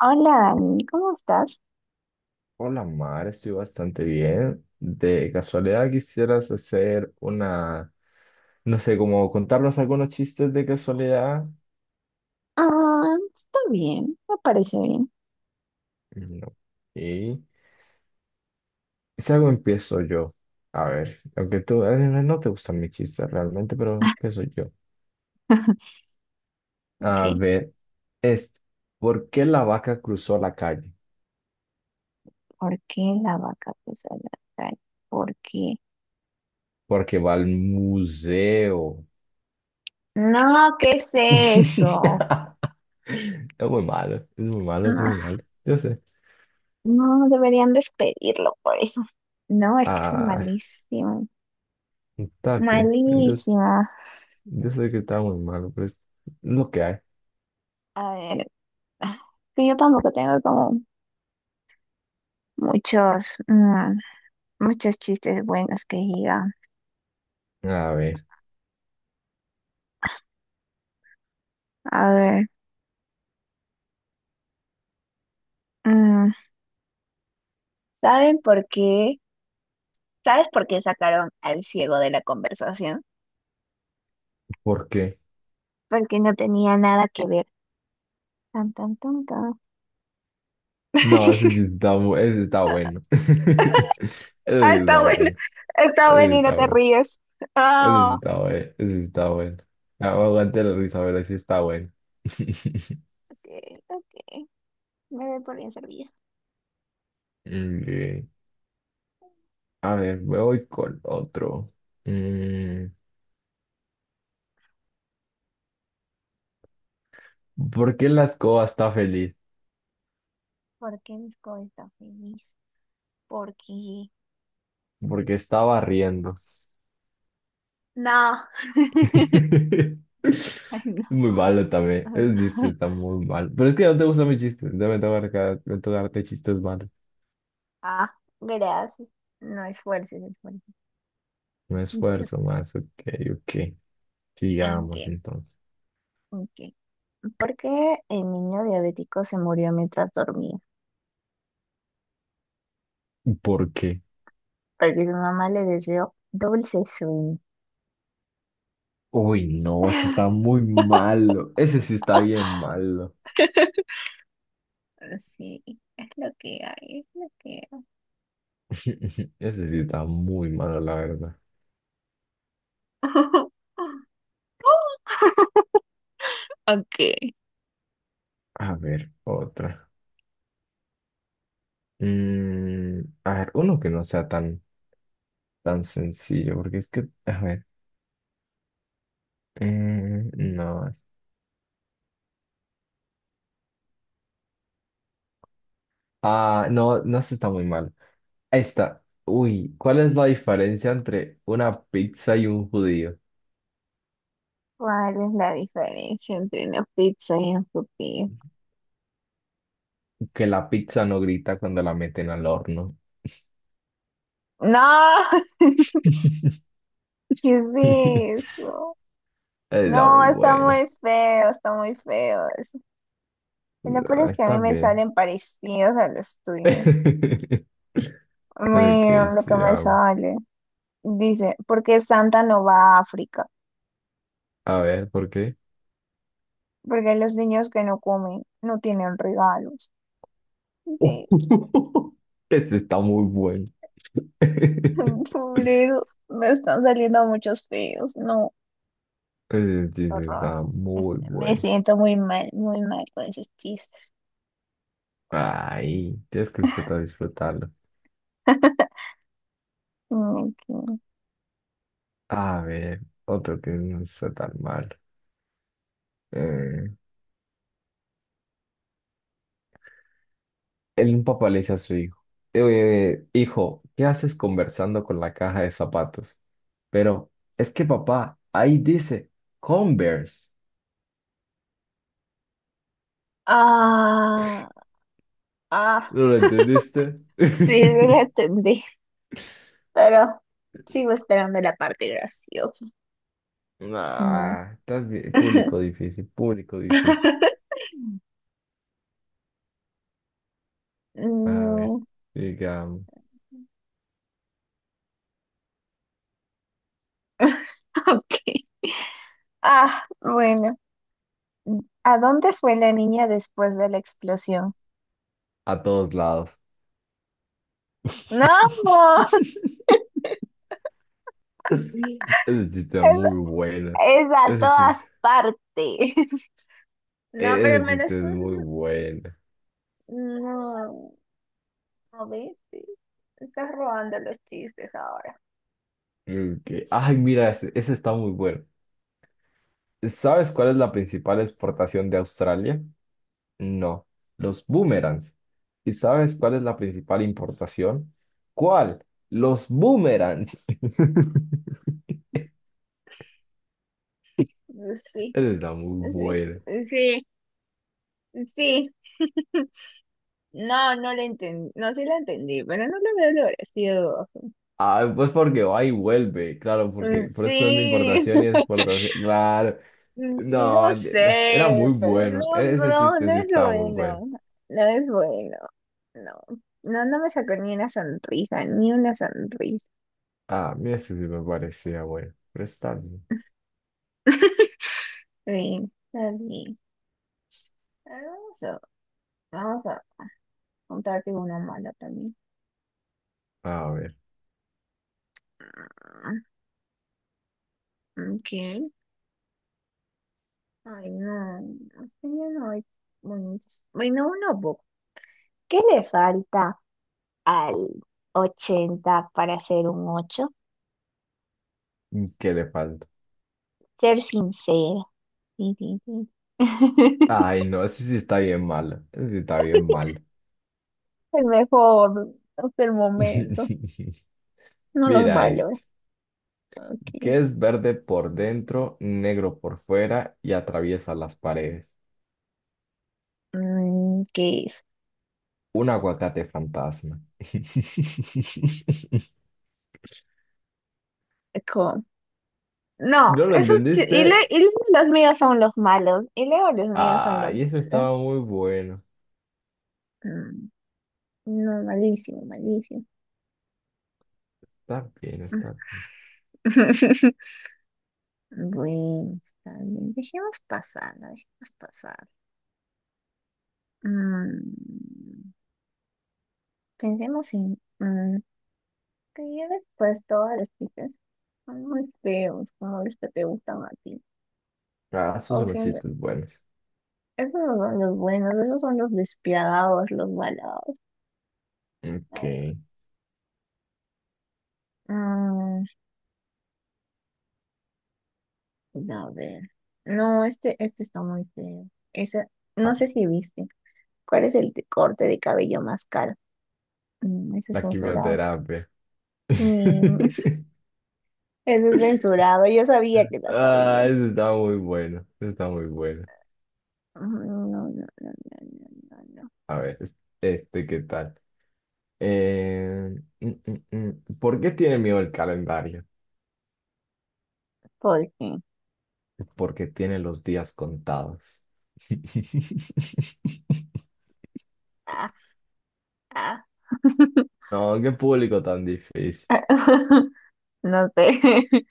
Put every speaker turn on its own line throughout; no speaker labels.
Hola Dani, ¿cómo estás?
Hola Mar, estoy bastante bien. De casualidad quisieras hacer una, no sé, como contarnos algunos chistes de casualidad.
Ah, está bien, me parece bien.
Mm, no. Y si algo empiezo yo. A ver, aunque tú no te gustan mis chistes realmente, pero empiezo yo.
Ok,
A
pues,
ver, este, ¿por qué la vaca cruzó la calle?
¿por qué la vaca puso la calle? ¿Por qué?
Porque va al museo.
No, ¿qué es eso?
Es muy malo, es muy malo, es muy
No,
malo. Yo sé.
no, deberían despedirlo por eso. No, es que es
Ah,
malísimo,
está bien. Entonces.
malísima.
Yo sé que estaba muy malo, pero es lo que hay.
A ver, ah, que yo tampoco tengo como muchos, muchos chistes buenos que diga.
A ver,
A ver, mm, ¿saben por qué? ¿Sabes por qué sacaron al ciego de la conversación?
¿por qué?
Porque no tenía nada que ver. Tan, tan, tan, tan.
No, ese sí está, ese sí está bueno. Ese
Ah,
sí
está
está
bueno.
bueno.
Está
Ese sí
bueno y no
está
te
bueno.
ríes.
Ese sí
Ah,
está bueno. Ese sí está bueno. Ah, aguante la risa, pero sí está bueno.
ok, ok. Me doy por bien servida.
Ok. A ver, me voy con otro. Mm, ¿por qué la escoba está feliz?
¿Por qué Disco está feliz? Porque...
Porque está barriendo.
No.
Es
Ay, no.
muy malo también. Ese chiste está muy mal. Pero es que no te gustan mis chistes. Ya me toca me toca darte chistes malos.
Ah, gracias. No esfuerces, no esfuerces.
Me
Yo-
esfuerzo más. Ok, ok.
ah,
Sigamos
ok,
entonces.
ok. ¿Por qué el niño diabético se murió mientras dormía?
¿Por qué?
Porque su mamá le deseó dulce sueño.
Uy, no, ese está muy malo. Ese sí está bien malo.
Pero sí, es lo que hay, es lo que hay.
Ese sí está muy malo, la verdad.
Ok.
A ver, otra. Mm, a ver, uno que no sea tan, tan sencillo, porque es que, a ver. No. Ah, no, no, ese está muy malo. Ahí está. Uy, ¿cuál es la diferencia entre una pizza y un judío?
¿Cuál es la diferencia entre una pizza y un pupí?
Que la pizza no grita cuando la meten al horno.
No, ¿qué es eso?
Está
No,
muy bueno.
está muy feo eso. Y lo peor
Ah,
es que a
está
mí me
bien.
salen parecidos a los tuyos.
Ok,
Mira lo que
sí,
me
vamos.
sale. Dice, ¿por qué Santa no va a África?
A ver, ¿por qué?
Porque los niños que no comen no tienen regalos. Dios,
Ese está muy bueno.
pobre, me están saliendo muchos feos. No,
Ese chiste
horror.
está
Es-
muy
Me
bueno.
siento muy mal con esos chistes.
Ay, tienes que disfrutar, disfrutarlo.
Ok.
A ver, otro que no está tan mal. El papá le dice a su hijo, hijo, ¿qué haces conversando con la caja de zapatos? Pero es que papá, ahí dice Converse.
Ah, ah,
¿No lo entendiste?
sí, la entendí. Pero sigo esperando la parte graciosa. No.
Ah, estás bien. Público difícil, público difícil. A ver,
No.
digamos,
Ok. Ah, bueno. ¿A dónde fue la niña después de la explosión?
a todos lados.
No,
Ese chiste es
es,
muy bueno.
es a
Ese
todas
chiste,
partes. No, pero
ese
al menos
chiste es muy bueno.
no, no viste. Estás robando los chistes ahora.
Ok. Ay, mira, ese está muy bueno. ¿Sabes cuál es la principal exportación de Australia? No, los boomerangs. ¿Y sabes cuál es la principal importación? ¿Cuál? Los boomerangs.
Sí,
Esa está muy buena.
sí, sí, sí. No, no lo entendí. No, sí lo entendí, pero no lo veo lo gracioso.
Ah, pues porque va y vuelve, claro, porque por eso son de
Sí,
importación
sí
y exportación. Claro. No,
lo
era
sé,
muy
pero
bueno.
no,
Ese
no,
chiste
no
sí
es
estaba muy bueno.
bueno. No es bueno. No, no, no me sacó ni una sonrisa, ni una sonrisa.
Ah, mira, ese sí me parecía bueno. Pero está bien.
Sí, está bien. A ver, vamos a contarte una mala también.
A ver,
Ah, ok. Ay, no. Es que ya no hay bonitos. Bueno, una boca. ¿Qué le falta al 80 para ser un 8?
¿qué le falta?
Ser sincero. Sí, sí, sí.
Ay, no, ese sí está bien malo. Ese sí está bien malo.
El mejor hasta el momento. No los
Mira
valora.
este, que
Ok.
es verde por dentro, negro por fuera y atraviesa las paredes.
¿Qué es?
Un aguacate fantasma.
No,
¿No lo
esos chi- y, le,
entendiste?
y los míos son los malos. Y luego los míos son los
Ay, ese
malos.
estaba muy bueno.
Mm, No, malísimo, malísimo.
Está bien, está bien.
Bueno, está bien. Dejemos pasar, la dejemos pasar. Mm, pensemos en que ya después todos los chicos son muy feos, como los que te gustan a ti.
Ah, esos
O
son los
siempre,
chistes buenos.
esos no son los buenos, esos son los despiadados, los malos.
Ok.
A ver. No, este está muy feo. Esa,
Ah,
no sé si viste. ¿Cuál es el corte de cabello más caro? Eso es
la
censurado.
quimioterapia.
Sí, eso es censurado. Yo sabía que la
Ah,
sabía.
ese está muy bueno. Ese está muy bueno.
No, no, no, no, no, no, no.
A ver, este, ¿qué tal? Eh, mm, mm, mm. ¿Por qué tiene miedo el calendario?
¿Por qué?
Porque tiene los días contados.
Ah, ah.
No, qué público tan difícil.
No sé.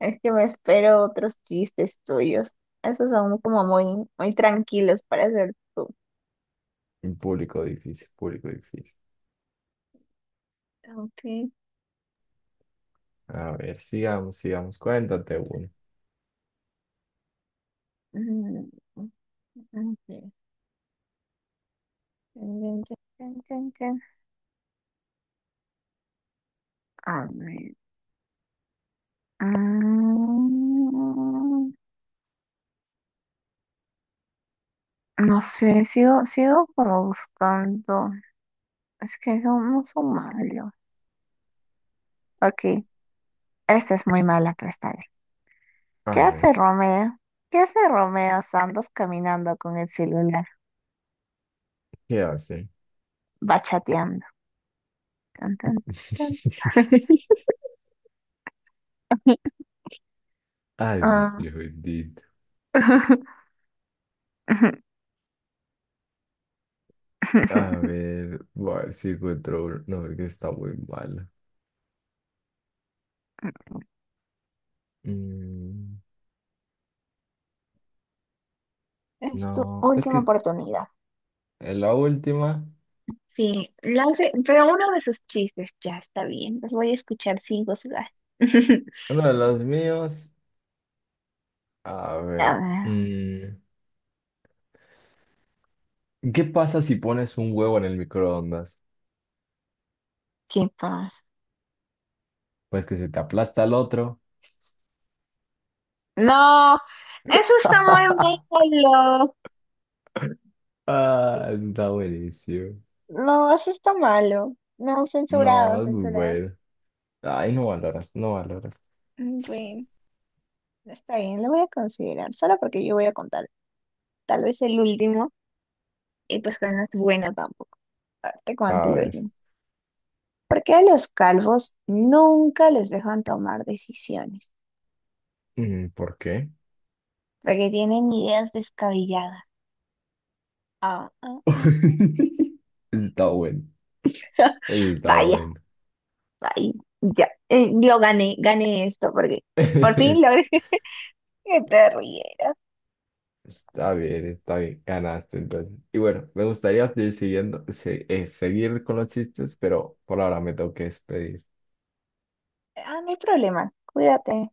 Es que me espero otros chistes tuyos. Esos son como muy, muy tranquilos para ser tú.
Un público difícil, público difícil.
Ok.
A ver, sigamos, sigamos. Cuéntate uno.
Mm, ok. Chan, chan, chan, chan, chan. A ver. mm, no sé, sigo como buscando. Es que somos malos. Ok, esta es muy mala, pero está bien. ¿Qué
A
hace
ver,
Romeo? ¿Qué hace Romeo Santos caminando con el celular?
¿qué hace?
Va chateando. Tan, tan, tan.
Ay, Dios
Ah.
mío, bendito. A ver, voy a ver si encuentro uno. No, porque está muy malo. Mm,
Es tu
no, es
última
que
oportunidad.
en la última,
Sí, lance, pero uno de sus chistes ya está bien. Los voy a escuchar sin gozar.
uno de los míos. A
A
ver,
ver,
mm, ¿qué pasa si pones un huevo en el microondas?
¿qué pasa?
Pues que se te aplasta el otro.
No, eso está muy malo.
Ah, está buenísimo.
No, eso está malo. No, censurado,
No, es muy
censurado.
bueno. Ay, no valoras, no valoras.
Bueno, está bien, lo voy a considerar. Solo porque yo voy a contar tal vez el último. Y pues que no es bueno tampoco. A ver, te cuento
A
el
ver,
último. ¿Por qué a los calvos nunca les dejan tomar decisiones?
mm, ¿por qué?
Porque tienen ideas descabelladas. Ah, ah, ah, ah.
Está bueno, está
Vaya,
bueno.
vaya, ya, yo gané, gané esto porque por fin logré que te rieras.
Está bien, ganaste entonces. Y bueno, me gustaría seguir, seguir con los chistes, pero por ahora me tengo que despedir.
Ah, no hay problema, cuídate.